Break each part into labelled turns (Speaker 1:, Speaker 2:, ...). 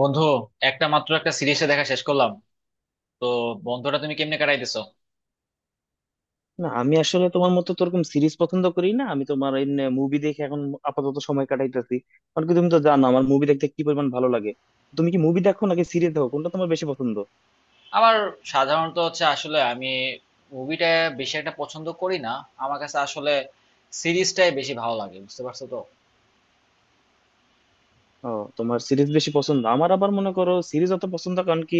Speaker 1: বন্ধু একটা মাত্র একটা সিরিজে দেখা শেষ করলাম, তো বন্ধুটা তুমি কেমনে কাটাইতেছো?
Speaker 2: না, আমি আসলে তোমার মতো তো ওরকম সিরিজ পছন্দ করি না। আমি তোমার এমনি মুভি দেখে এখন আপাতত সময় কাটাইতেছি। কারণ কি, তুমি তো জানো আমার মুভি দেখতে কি পরিমাণ ভালো লাগে। তুমি কি মুভি দেখো নাকি সিরিজ দেখো? কোনটা তোমার বেশি পছন্দ?
Speaker 1: আমার সাধারণত হচ্ছে আসলে আমি মুভিটা বেশি একটা পছন্দ করি না, আমার কাছে আসলে সিরিজটাই বেশি ভালো লাগে, বুঝতে পারছো তো।
Speaker 2: ও, তোমার সিরিজ বেশি পছন্দ। আমার আবার মনে করো সিরিজ অত পছন্দ, কারণ কি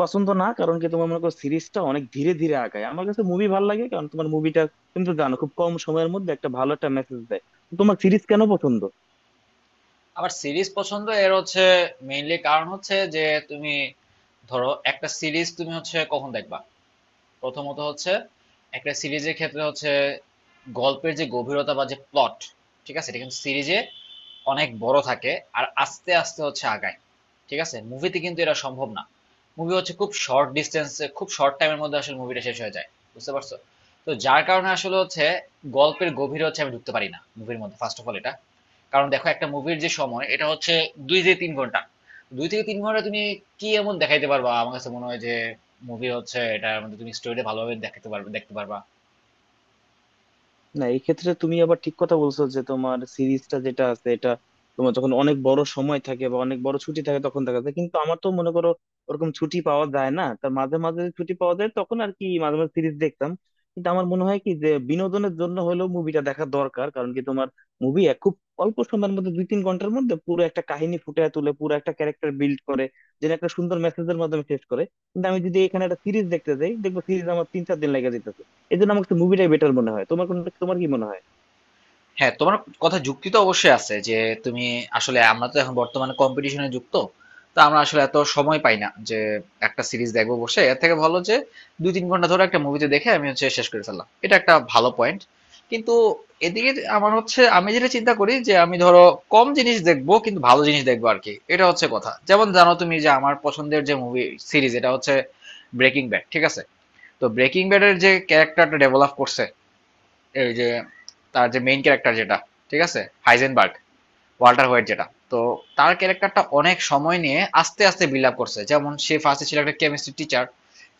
Speaker 2: পছন্দ না, কারণ কি তোমার মনে করো সিরিজটা অনেক ধীরে ধীরে আগায়। আমার কাছে মুভি ভালো লাগে কারণ তোমার মুভিটা, তুমি তো জানো, খুব কম সময়ের মধ্যে একটা ভালো একটা মেসেজ দেয়। তো তোমার সিরিজ কেন পছন্দ?
Speaker 1: আমার সিরিজ পছন্দ এর হচ্ছে মেইনলি কারণ হচ্ছে যে, তুমি ধরো একটা সিরিজ তুমি হচ্ছে কখন দেখবা। প্রথমত হচ্ছে, একটা সিরিজের ক্ষেত্রে হচ্ছে গল্পের যে গভীরতা বা যে প্লট, ঠিক আছে, এটা কিন্তু সিরিজে অনেক বড় থাকে, আর আস্তে আস্তে হচ্ছে আগায়, ঠিক আছে। মুভিতে কিন্তু এটা সম্ভব না, মুভি হচ্ছে খুব শর্ট ডিস্টেন্সে খুব শর্ট টাইমের মধ্যে আসলে মুভিটা শেষ হয়ে যায়, বুঝতে পারছো। তো যার কারণে আসলে হচ্ছে গল্পের গভীরে হচ্ছে আমি ঢুকতে পারি না মুভির মধ্যে, ফার্স্ট অফ অল এটা। কারণ দেখো একটা মুভির যে সময় এটা হচ্ছে 2 থেকে 3 ঘন্টা, 2 থেকে 3 ঘন্টা তুমি কি এমন দেখাইতে পারবা? আমার কাছে মনে হয় যে মুভি হচ্ছে এটার মধ্যে তুমি স্টোরি ভালোভাবে দেখাতে পারবে, দেখতে পারবা।
Speaker 2: না, এই ক্ষেত্রে তুমি আবার ঠিক কথা বলছো যে তোমার সিরিজটা যেটা আছে এটা, তোমার যখন অনেক বড় সময় থাকে বা অনেক বড় ছুটি থাকে তখন দেখা যায়। কিন্তু আমার তো মনে করো ওরকম ছুটি পাওয়া যায় না, তার মাঝে মাঝে ছুটি পাওয়া যায় তখন আর কি মাঝে মাঝে সিরিজ দেখতাম। কিন্তু আমার মনে হয় কি যে বিনোদনের জন্য হলেও মুভিটা দেখা দরকার। কারণ কি তোমার মুভি খুব অল্প সময়ের মধ্যে দুই তিন ঘন্টার মধ্যে পুরো একটা কাহিনী ফুটিয়ে তুলে পুরো একটা ক্যারেক্টার বিল্ড করে, যেটা একটা সুন্দর মেসেজের মাধ্যমে শেষ করে। কিন্তু আমি যদি এখানে একটা সিরিজ দেখতে যাই, দেখবো সিরিজ আমার তিন চার দিন লেগে যেত। এই জন্য আমার কাছে মুভিটাই বেটার মনে হয়। তোমার কোন, তোমার কি মনে হয়?
Speaker 1: হ্যাঁ, তোমার কথা যুক্তি তো অবশ্যই আছে যে তুমি আসলে, আমরা তো এখন বর্তমানে কম্পিটিশনে যুক্ত, তো আমরা আসলে এত সময় পাই না যে একটা সিরিজ দেখবো বসে, এর থেকে ভালো যে দুই তিন ঘন্টা ধরে একটা মুভিতে দেখে আমি হচ্ছে শেষ করে ফেললাম, এটা একটা ভালো পয়েন্ট। কিন্তু এদিকে আমার হচ্ছে আমি যেটা চিন্তা করি যে আমি ধরো কম জিনিস দেখবো কিন্তু ভালো জিনিস দেখবো আর কি, এটা হচ্ছে কথা। যেমন জানো তুমি যে আমার পছন্দের যে মুভি সিরিজ এটা হচ্ছে ব্রেকিং ব্যাড, ঠিক আছে। তো ব্রেকিং ব্যাডের যে ক্যারেক্টারটা ডেভেলপ করছে, এই যে তার যে মেইন ক্যারেক্টার যেটা, ঠিক আছে, হাইজেনবার্গ, ওয়াল্টার হোয়াইট যেটা, তো তার ক্যারেক্টারটা অনেক সময় নিয়ে আস্তে আস্তে বিল্ড আপ করছে, যেমন সে ফার্স্টে ছিল একটা কেমিস্ট্রি টিচার,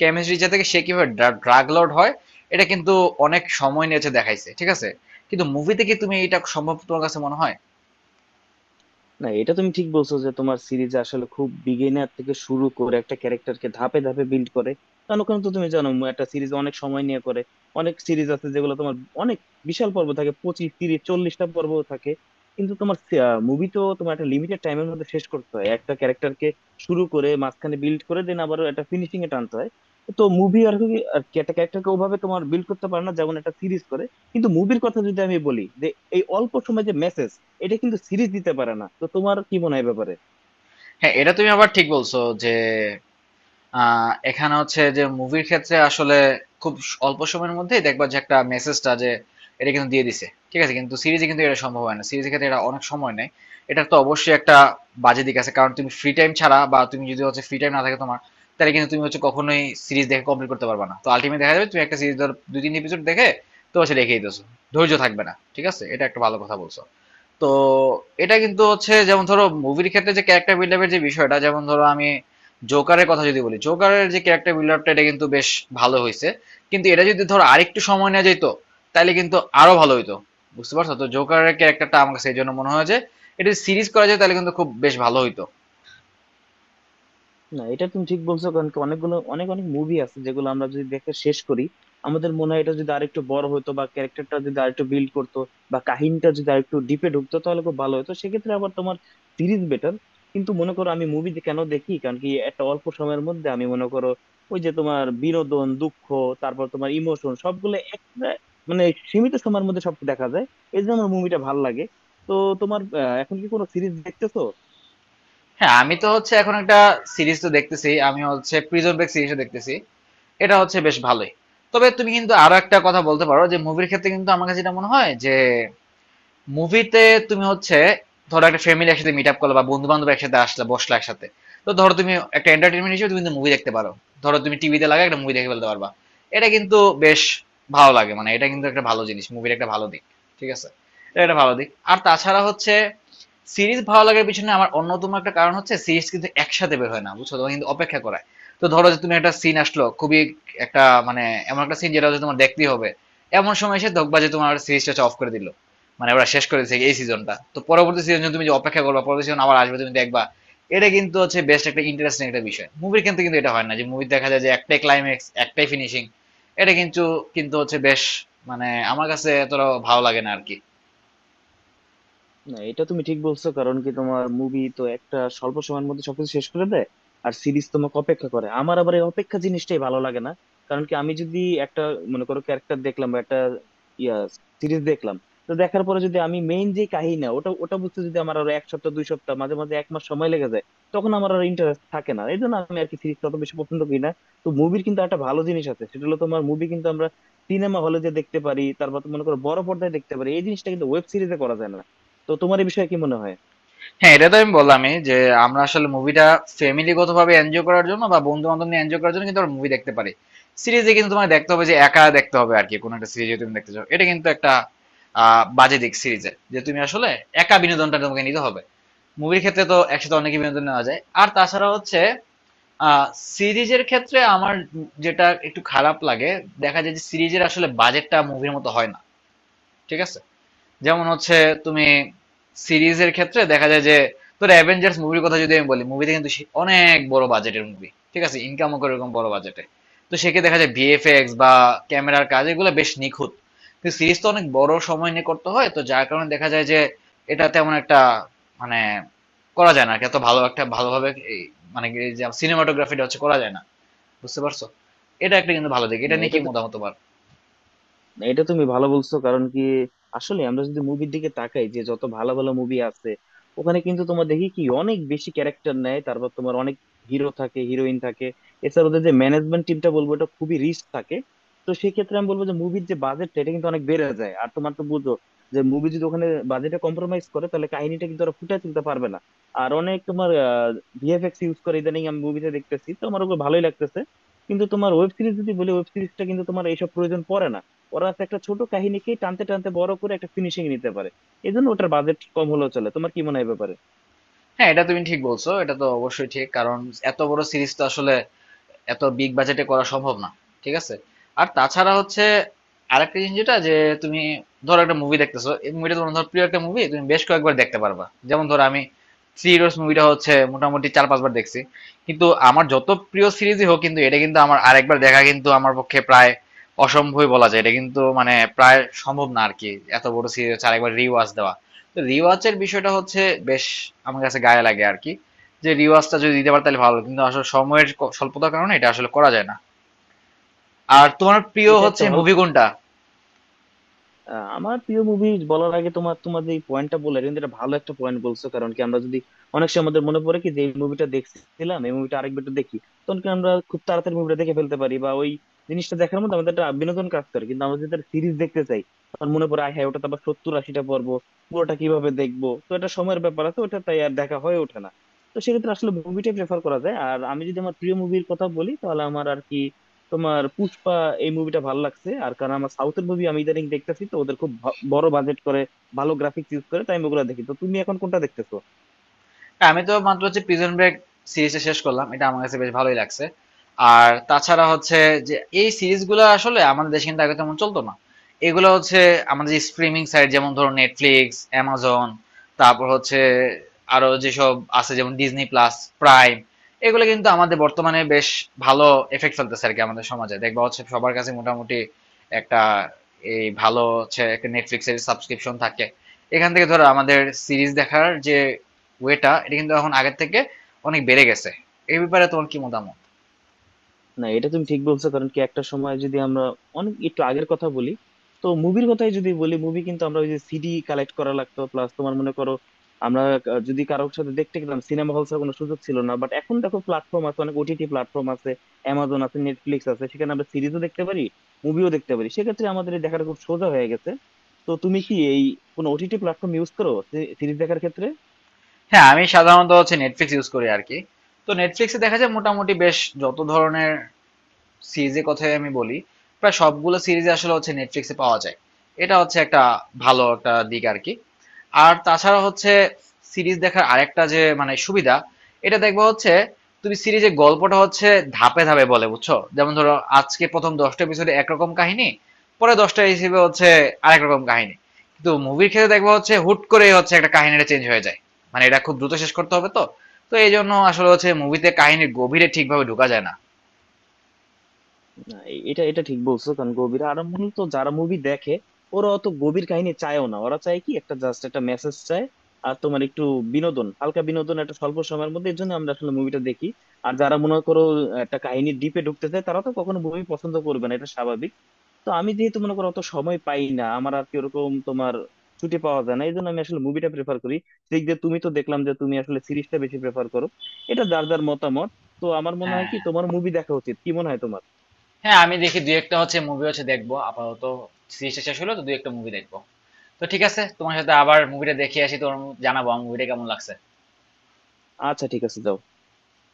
Speaker 1: কেমিস্ট্রি টিচার থেকে সে কিভাবে ড্রাগ লর্ড হয়, এটা কিন্তু অনেক সময় নিয়েছে দেখাইছে, ঠিক আছে। কিন্তু মুভি থেকে তুমি এটা সম্ভব তোমার কাছে মনে হয়?
Speaker 2: না, এটা তুমি ঠিক বলছো যে তোমার সিরিজ আসলে খুব বিগিনার থেকে শুরু করে একটা ক্যারেক্টারকে ধাপে ধাপে বিল্ড করে। কারণ ওখানে তো তুমি জানো একটা সিরিজ অনেক সময় নিয়ে করে। অনেক সিরিজ আছে যেগুলো তোমার অনেক বিশাল পর্ব থাকে, 25 30 40টা পর্ব থাকে। কিন্তু তোমার মুভি তো তোমার একটা লিমিটেড টাইমের মধ্যে শেষ করতে হয়, একটা ক্যারেক্টারকে শুরু করে মাঝখানে বিল্ড করে দেন আবার একটা ফিনিশিং এ টানতে হয়। তো মুভি আর কি আর কি একটা ক্যারেক্টারকে ওভাবে তোমার বিল্ড করতে পারে না যেমন একটা সিরিজ করে। কিন্তু মুভির কথা যদি আমি বলি যে এই অল্প সময় যে মেসেজ, এটা কিন্তু সিরিজ দিতে পারে না। তো তোমার কি মনে হয় এ ব্যাপারে?
Speaker 1: হ্যাঁ, এটা তুমি আবার ঠিক বলছো যে এখানে হচ্ছে যে মুভির ক্ষেত্রে আসলে খুব অল্প সময়ের মধ্যেই দেখবা যে একটা মেসেজটা যে এটা কিন্তু দিয়ে দিছে, ঠিক আছে, কিন্তু সিরিজে কিন্তু এটা সম্ভব হয় না, সিরিজের ক্ষেত্রে এটা অনেক সময় নেয়। এটার তো অবশ্যই একটা বাজে দিক আছে, কারণ তুমি ফ্রি টাইম ছাড়া বা তুমি যদি হচ্ছে ফ্রি টাইম না থাকে তোমার, তাহলে কিন্তু তুমি হচ্ছে কখনোই সিরিজ দেখে কমপ্লিট করতে পারবে না, তো আলটিমেট দেখা যাবে তুমি একটা সিরিজ ধর দুই তিন এপিসোড দেখে তো হচ্ছে রেখেই দিছো, ধৈর্য থাকবে না, ঠিক আছে, এটা একটা ভালো কথা বলছো। তো এটা কিন্তু হচ্ছে, যেমন ধরো মুভির ক্ষেত্রে যে ক্যারেক্টার বিল্ড আপের যে বিষয়টা, যেমন ধরো আমি জোকারের কথা যদি বলি, জোকারের যে ক্যারেক্টার বিল্ড আপটা এটা কিন্তু বেশ ভালো হয়েছে, কিন্তু এটা যদি ধরো আরেকটু সময় নেওয়া যেত তাহলে কিন্তু আরো ভালো হইতো, বুঝতে পারছো তো। জোকারের ক্যারেক্টারটা আমার কাছে এই জন্য মনে হয় যে এটা সিরিজ করা যায় তাহলে কিন্তু খুব বেশ ভালো হইতো।
Speaker 2: না, এটা তুমি ঠিক বলছো কারণ কি অনেকগুলো অনেক অনেক মুভি আছে যেগুলো আমরা যদি দেখে শেষ করি, আমাদের মনে হয় এটা যদি আরেকটু বড় হতো বা ক্যারেক্টারটা যদি আরেকটু বিল্ড করতো বা কাহিনীটা যদি আরেকটু ডিপে ঢুকতো তাহলে খুব ভালো হতো। সেক্ষেত্রে আবার তোমার সিরিজ বেটার। কিন্তু মনে করো আমি মুভি কেন দেখি, কারণ কি একটা অল্প সময়ের মধ্যে আমি মনে করো ওই যে তোমার বিনোদন, দুঃখ, তারপর তোমার ইমোশন সবগুলো একটা, মানে, সীমিত সময়ের মধ্যে সব দেখা যায়। এই জন্য আমার মুভিটা ভালো লাগে। তো তোমার এখন কি কোনো সিরিজ দেখতেছো?
Speaker 1: হ্যাঁ আমি তো হচ্ছে এখন একটা সিরিজ তো দেখতেছি, আমি হচ্ছে প্রিজন ব্রেক সিরিজও দেখতেছি, এটা হচ্ছে বেশ ভালোই। তবে তুমি কিন্তু আরো একটা কথা বলতে পারো যে মুভির ক্ষেত্রে কিন্তু আমার কাছে যেটা মনে হয় যে মুভিতে তুমি হচ্ছে ধরো একটা ফ্যামিলি একসাথে মিট আপ করলো বা বন্ধু বান্ধব একসাথে আসলে বসলো একসাথে, তো ধরো তুমি একটা এন্টারটেনমেন্ট হিসেবে তুমি মুভি দেখতে পারো, ধরো তুমি টিভিতে লাগা একটা মুভি দেখে ফেলতে পারবা, এটা কিন্তু বেশ ভালো লাগে, মানে এটা কিন্তু একটা ভালো জিনিস, মুভির একটা ভালো দিক, ঠিক আছে, এটা একটা ভালো দিক। আর তাছাড়া হচ্ছে সিরিজ ভালো লাগার পিছনে আমার অন্যতম একটা কারণ হচ্ছে সিরিজ কিন্তু একসাথে বের হয় না, বুঝছো, তোমাকে কিন্তু অপেক্ষা করায়। তো ধরো যে তুমি একটা সিন আসলো খুবই একটা মানে এমন একটা সিন যেটা হচ্ছে তোমার দেখতেই হবে, এমন সময় এসে দেখবা যে তোমার সিরিজটা অফ করে দিল, মানে ওরা শেষ করেছে এই সিজনটা, তো পরবর্তী সিজন তুমি যে অপেক্ষা করবা পরবর্তী সিজন আবার আসবে তুমি দেখবা, এটা কিন্তু হচ্ছে বেস্ট একটা ইন্টারেস্টিং একটা বিষয়। মুভির ক্ষেত্রে কিন্তু এটা হয় না, যে মুভি দেখা যায় যে একটাই ক্লাইম্যাক্স একটাই ফিনিশিং, এটা কিন্তু কিন্তু হচ্ছে বেশ, মানে আমার কাছে এতটা ভালো লাগে না আর কি।
Speaker 2: না, এটা তুমি ঠিক বলছো কারণ কি তোমার মুভি তো একটা স্বল্প সময়ের মধ্যে সবকিছু শেষ করে দেয়, আর সিরিজ তোমাকে অপেক্ষা করে। আমার আবার এই অপেক্ষা জিনিসটাই ভালো লাগে না। কারণ কি আমি যদি একটা, মনে করো, ক্যারেক্টার দেখলাম বা একটা ইয়া সিরিজ দেখলাম, তো দেখার পরে যদি আমি মেইন যে কাহিনী ওটা ওটা বুঝতে যদি আমার আরো এক সপ্তাহ দুই সপ্তাহ মাঝে মাঝে এক মাস সময় লেগে যায়, তখন আমার আর ইন্টারেস্ট থাকে না। এই জন্য আমি আর কি সিরিজ অত বেশি পছন্দ করি না। তো মুভির কিন্তু একটা ভালো জিনিস আছে, সেটা হলো তোমার মুভি কিন্তু আমরা সিনেমা হলে যে দেখতে পারি, তারপর তো মনে করো বড় পর্দায় দেখতে পারি। এই জিনিসটা কিন্তু ওয়েব সিরিজে করা যায় না। তো তোমার এই বিষয়ে কি মনে হয়?
Speaker 1: হ্যাঁ এটা তো আমি বললামই যে আমরা আসলে মুভিটা ফ্যামিলিগত ভাবে এনজয় করার জন্য বা বন্ধু বান্ধব নিয়ে এনজয় করার জন্য কিন্তু আমরা মুভি দেখতে পারি, সিরিজে কিন্তু তোমাকে দেখতে হবে যে একা দেখতে হবে আর কি, কোনো একটা সিরিজে তুমি দেখতে চাও এটা কিন্তু একটা বাজে দিক সিরিজের, যে তুমি আসলে একা বিনোদনটা তোমাকে নিতে হবে, মুভির ক্ষেত্রে তো একসাথে অনেকই বিনোদন নেওয়া যায়। আর তাছাড়া হচ্ছে সিরিজের ক্ষেত্রে আমার যেটা একটু খারাপ লাগে, দেখা যায় যে সিরিজের আসলে বাজেটটা মুভির মতো হয় না, ঠিক আছে। যেমন হচ্ছে তুমি সিরিজের ক্ষেত্রে দেখা যায় যে, তোর অ্যাভেঞ্জার্স মুভির কথা যদি আমি বলি, মুভিতে কিন্তু অনেক বড় বাজেটের মুভি, ঠিক আছে, ইনকামও করে এরকম বড় বাজেটে, তো সেক্ষেত্রে দেখা যায় ভিএফএক্স বা ক্যামেরার কাজ এগুলো বেশ নিখুঁত। কিন্তু সিরিজ তো অনেক বড় সময় নিয়ে করতে হয়, তো যার কারণে দেখা যায় যে এটা তেমন একটা মানে করা যায় না আর কি, এত ভালো একটা ভালোভাবে এই মানে এই যে সিনেমাটোগ্রাফিটা হচ্ছে করা যায় না, বুঝতে পারছো। এটা একটা কিন্তু ভালো দিক, এটা
Speaker 2: না
Speaker 1: নিয়ে কি
Speaker 2: এটা তো
Speaker 1: মতামত তোমার?
Speaker 2: না, এটা তুমি ভালো বলছো কারণ কি আসলে আমরা যদি মুভির দিকে তাকাই যে যত ভালো ভালো মুভি আছে, ওখানে কিন্তু তোমার দেখি কি অনেক বেশি ক্যারেক্টার নেয়, তারপর তোমার অনেক হিরো থাকে হিরোইন থাকে। এছাড়া ওদের যে ম্যানেজমেন্ট টিমটা বলবো এটা খুবই রিস্ক থাকে। তো সেই ক্ষেত্রে আমি বলবো যে মুভির যে বাজেট এটা কিন্তু অনেক বেড়ে যায়। আর তোমার তো বুঝো যে মুভি যদি ওখানে বাজেটে কম্প্রোমাইজ করে, তাহলে কাহিনীটা কিন্তু ওরা ফুটিয়ে তুলতে পারবে না। আর অনেক তোমার ভিএফএক্স ইউজ করে ইদানিং আমি মুভিতে দেখতেছি, তো আমার ওগুলো ভালোই লাগতেছে। কিন্তু তোমার ওয়েব সিরিজ যদি বলি, ওয়েব সিরিজটা কিন্তু তোমার এইসব প্রয়োজন পড়ে না। ওরা তো একটা ছোট কাহিনীকেই টানতে টানতে বড় করে একটা ফিনিশিং নিতে পারে। এই জন্য ওটার বাজেট কম হলেও চলে। তোমার কি মনে হয় এ ব্যাপারে?
Speaker 1: হ্যাঁ এটা তুমি ঠিক বলছো, এটা তো অবশ্যই ঠিক, কারণ এত বড় সিরিজ তো আসলে এত বিগ বাজেটে করা সম্ভব না, ঠিক আছে। আর তাছাড়া হচ্ছে আরেকটা জিনিস যেটা যে তুমি ধরো একটা মুভি দেখতেছো এই মুভিটা তোমার ধর প্রিয় একটা মুভি তুমি বেশ কয়েকবার দেখতে পারবা, যেমন ধরো আমি থ্রি ইডিয়টস মুভিটা হচ্ছে মোটামুটি চার পাঁচবার দেখছি। কিন্তু আমার যত প্রিয় সিরিজই হোক কিন্তু এটা কিন্তু আমার আরেকবার দেখা কিন্তু আমার পক্ষে প্রায় অসম্ভবই বলা যায়, এটা কিন্তু মানে প্রায় সম্ভব না আর কি, এত বড় সিরিজ হচ্ছে আরেকবার রিওয়াজ দেওয়া। তো রিওয়াচের বিষয়টা হচ্ছে বেশ আমার কাছে গায়ে লাগে আর কি, যে রিওয়াজটা যদি দিতে পারে তাহলে ভালো হতো। কিন্তু আসলে সময়ের স্বল্পতার কারণে এটা আসলে করা যায় না। আর তোমার প্রিয়
Speaker 2: এটা একটা
Speaker 1: হচ্ছে
Speaker 2: ভালো।
Speaker 1: মুভি কোনটা?
Speaker 2: আমার প্রিয় মুভি বলার আগে, তোমার তোমার যে পয়েন্টটা বললে কিন্তু এটা ভালো একটা পয়েন্ট বলছো। কারণ কি আমরা যদি অনেক সময় আমাদের মনে পড়ে কি যে এই মুভিটা দেখছিলাম, এই মুভিটা আরেকবার একটু দেখি, তখন কি আমরা খুব তাড়াতাড়ি মুভিটা দেখে ফেলতে পারি বা ওই জিনিসটা দেখার মধ্যে আমাদের একটা বিনোদন কাজ করে। কিন্তু আমরা যদি সিরিজ দেখতে চাই, তখন মনে পড়ে আয় হ্যাঁ, ওটা তো আবার 70 80টা পর্ব, পুরোটা কিভাবে দেখবো? তো এটা সময়ের ব্যাপার আছে ওটা, তাই আর দেখা হয়ে ওঠে না। তো সেক্ষেত্রে আসলে মুভিটাই প্রেফার করা যায়। আর আমি যদি আমার প্রিয় মুভির কথা বলি তাহলে আমার আর কি তোমার পুষ্পা, এই মুভিটা ভালো লাগছে। আর কারণ আমার সাউথের মুভি আমি ইদানিং দেখতেছি, তো ওদের খুব বড় বাজেট করে ভালো গ্রাফিক্স ইউজ করে তাই আমি ওগুলো দেখি। তো তুমি এখন কোনটা দেখতেছো?
Speaker 1: হ্যাঁ, আমি তো মাত্র হচ্ছে প্রিজন ব্রেক সিরিজটা শেষ করলাম, এটা আমার কাছে বেশ ভালোই লাগছে। আর তাছাড়া হচ্ছে যে এই সিরিজগুলো আসলে আমাদের দেশে কিন্তু আগে তেমন চলতো না, এগুলো হচ্ছে আমাদের স্ট্রিমিং সাইট যেমন ধরো নেটফ্লিক্স, অ্যামাজন, তারপর হচ্ছে আরো যেসব আছে যেমন ডিজনি প্লাস, প্রাইম, এগুলো কিন্তু আমাদের বর্তমানে বেশ ভালো এফেক্ট ফেলতেছে আর কি। আমাদের সমাজে দেখবা হচ্ছে সবার কাছে মোটামুটি একটা এই ভালো হচ্ছে একটা নেটফ্লিক্স এর সাবস্ক্রিপশন থাকে, এখান থেকে ধরো আমাদের সিরিজ দেখার যে ওয়েটা এটা কিন্তু এখন আগের থেকে অনেক বেড়ে গেছে। এই ব্যাপারে তোমার কি মতামত?
Speaker 2: না, এটা তুমি ঠিক বলছো কারণ কি একটা সময় যদি আমরা অনেক একটু আগের কথা বলি, তো মুভির কথাই যদি বলি মুভি কিন্তু আমরা ওই যে সিডি কালেক্ট করা লাগতো, প্লাস তোমার মনে করো আমরা যদি কারোর সাথে দেখতে গেলাম সিনেমা হল ছাড়া কোনো সুযোগ ছিল না। বাট এখন দেখো প্ল্যাটফর্ম আছে, অনেক ওটিটি প্ল্যাটফর্ম আছে, অ্যামাজন আছে, নেটফ্লিক্স আছে, সেখানে আমরা সিরিজও দেখতে পারি, মুভিও দেখতে পারি। সেক্ষেত্রে আমাদের এই দেখাটা খুব সোজা হয়ে গেছে। তো তুমি কি এই কোনো ওটিটি প্ল্যাটফর্ম ইউজ করো সিরিজ দেখার ক্ষেত্রে?
Speaker 1: হ্যাঁ আমি সাধারণত হচ্ছে নেটফ্লিক্স ইউজ করি আর কি, তো নেটফ্লিক্সে দেখা যায় মোটামুটি বেশ যত ধরনের সিরিজের কথাই আমি বলি প্রায় সবগুলো সিরিজ আসলে হচ্ছে নেটফ্লিক্সে পাওয়া যায়, এটা হচ্ছে একটা ভালো একটা দিক আর কি। আর তাছাড়া হচ্ছে সিরিজ দেখার আরেকটা যে মানে সুবিধা এটা দেখবো হচ্ছে, তুমি সিরিজের গল্পটা হচ্ছে ধাপে ধাপে বলে, বুঝছো, যেমন ধরো আজকে প্রথম 10টা এপিসোডে একরকম কাহিনী, পরে 10টা হিসেবে হচ্ছে আরেক রকম কাহিনী। কিন্তু মুভির ক্ষেত্রে দেখবো হচ্ছে হুট করে হচ্ছে একটা কাহিনীটা চেঞ্জ হয়ে যায়, মানে এটা খুব দ্রুত শেষ করতে হবে তো, তো এই জন্য আসলে হচ্ছে মুভিতে কাহিনীর গভীরে ঠিকভাবে ঢোকা যায় না।
Speaker 2: না, এ- এটা এটা ঠিক বলছো কারণ গভীর, আর মূলত যারা মুভি দেখে ওরা অত গভীর কাহিনী চায়ও না, ওরা চায় কি একটা জাস্ট একটা মেসেজ চায়, আর তোমার একটু বিনোদন, হালকা বিনোদন একটা স্বল্প সময়ের মধ্যে। এর জন্য আমরা আসলে মুভিটা দেখি। আর যারা মনে করো একটা কাহিনী ডিপে ঢুকতে চায় তারা তো কখনো মুভি পছন্দ করবে না, এটা স্বাভাবিক। তো আমি যেহেতু মনে করো অত সময় পাই না, আমার আর কি ওরকম তোমার ছুটি পাওয়া যায় না, এই জন্য আমি আসলে মুভিটা প্রেফার করি। ঠিক যে তুমি তো দেখলাম যে তুমি আসলে সিরিজটা বেশি প্রেফার করো, এটা যার যার মতামত। তো আমার মনে হয়
Speaker 1: হ্যাঁ,
Speaker 2: কি তোমার মুভি দেখা উচিত। কি মনে হয় তোমার?
Speaker 1: হ্যাঁ আমি দেখি দুই একটা হচ্ছে মুভি হচ্ছে দেখবো, আপাতত সিরিজটা শেষ হলো তো দুই একটা মুভি দেখবো। তো ঠিক আছে, তোমার সাথে আবার মুভিটা দেখে আসি, তোমার জানাবো আমার মুভিটা কেমন লাগছে।
Speaker 2: আচ্ছা, ঠিক আছে, যাও।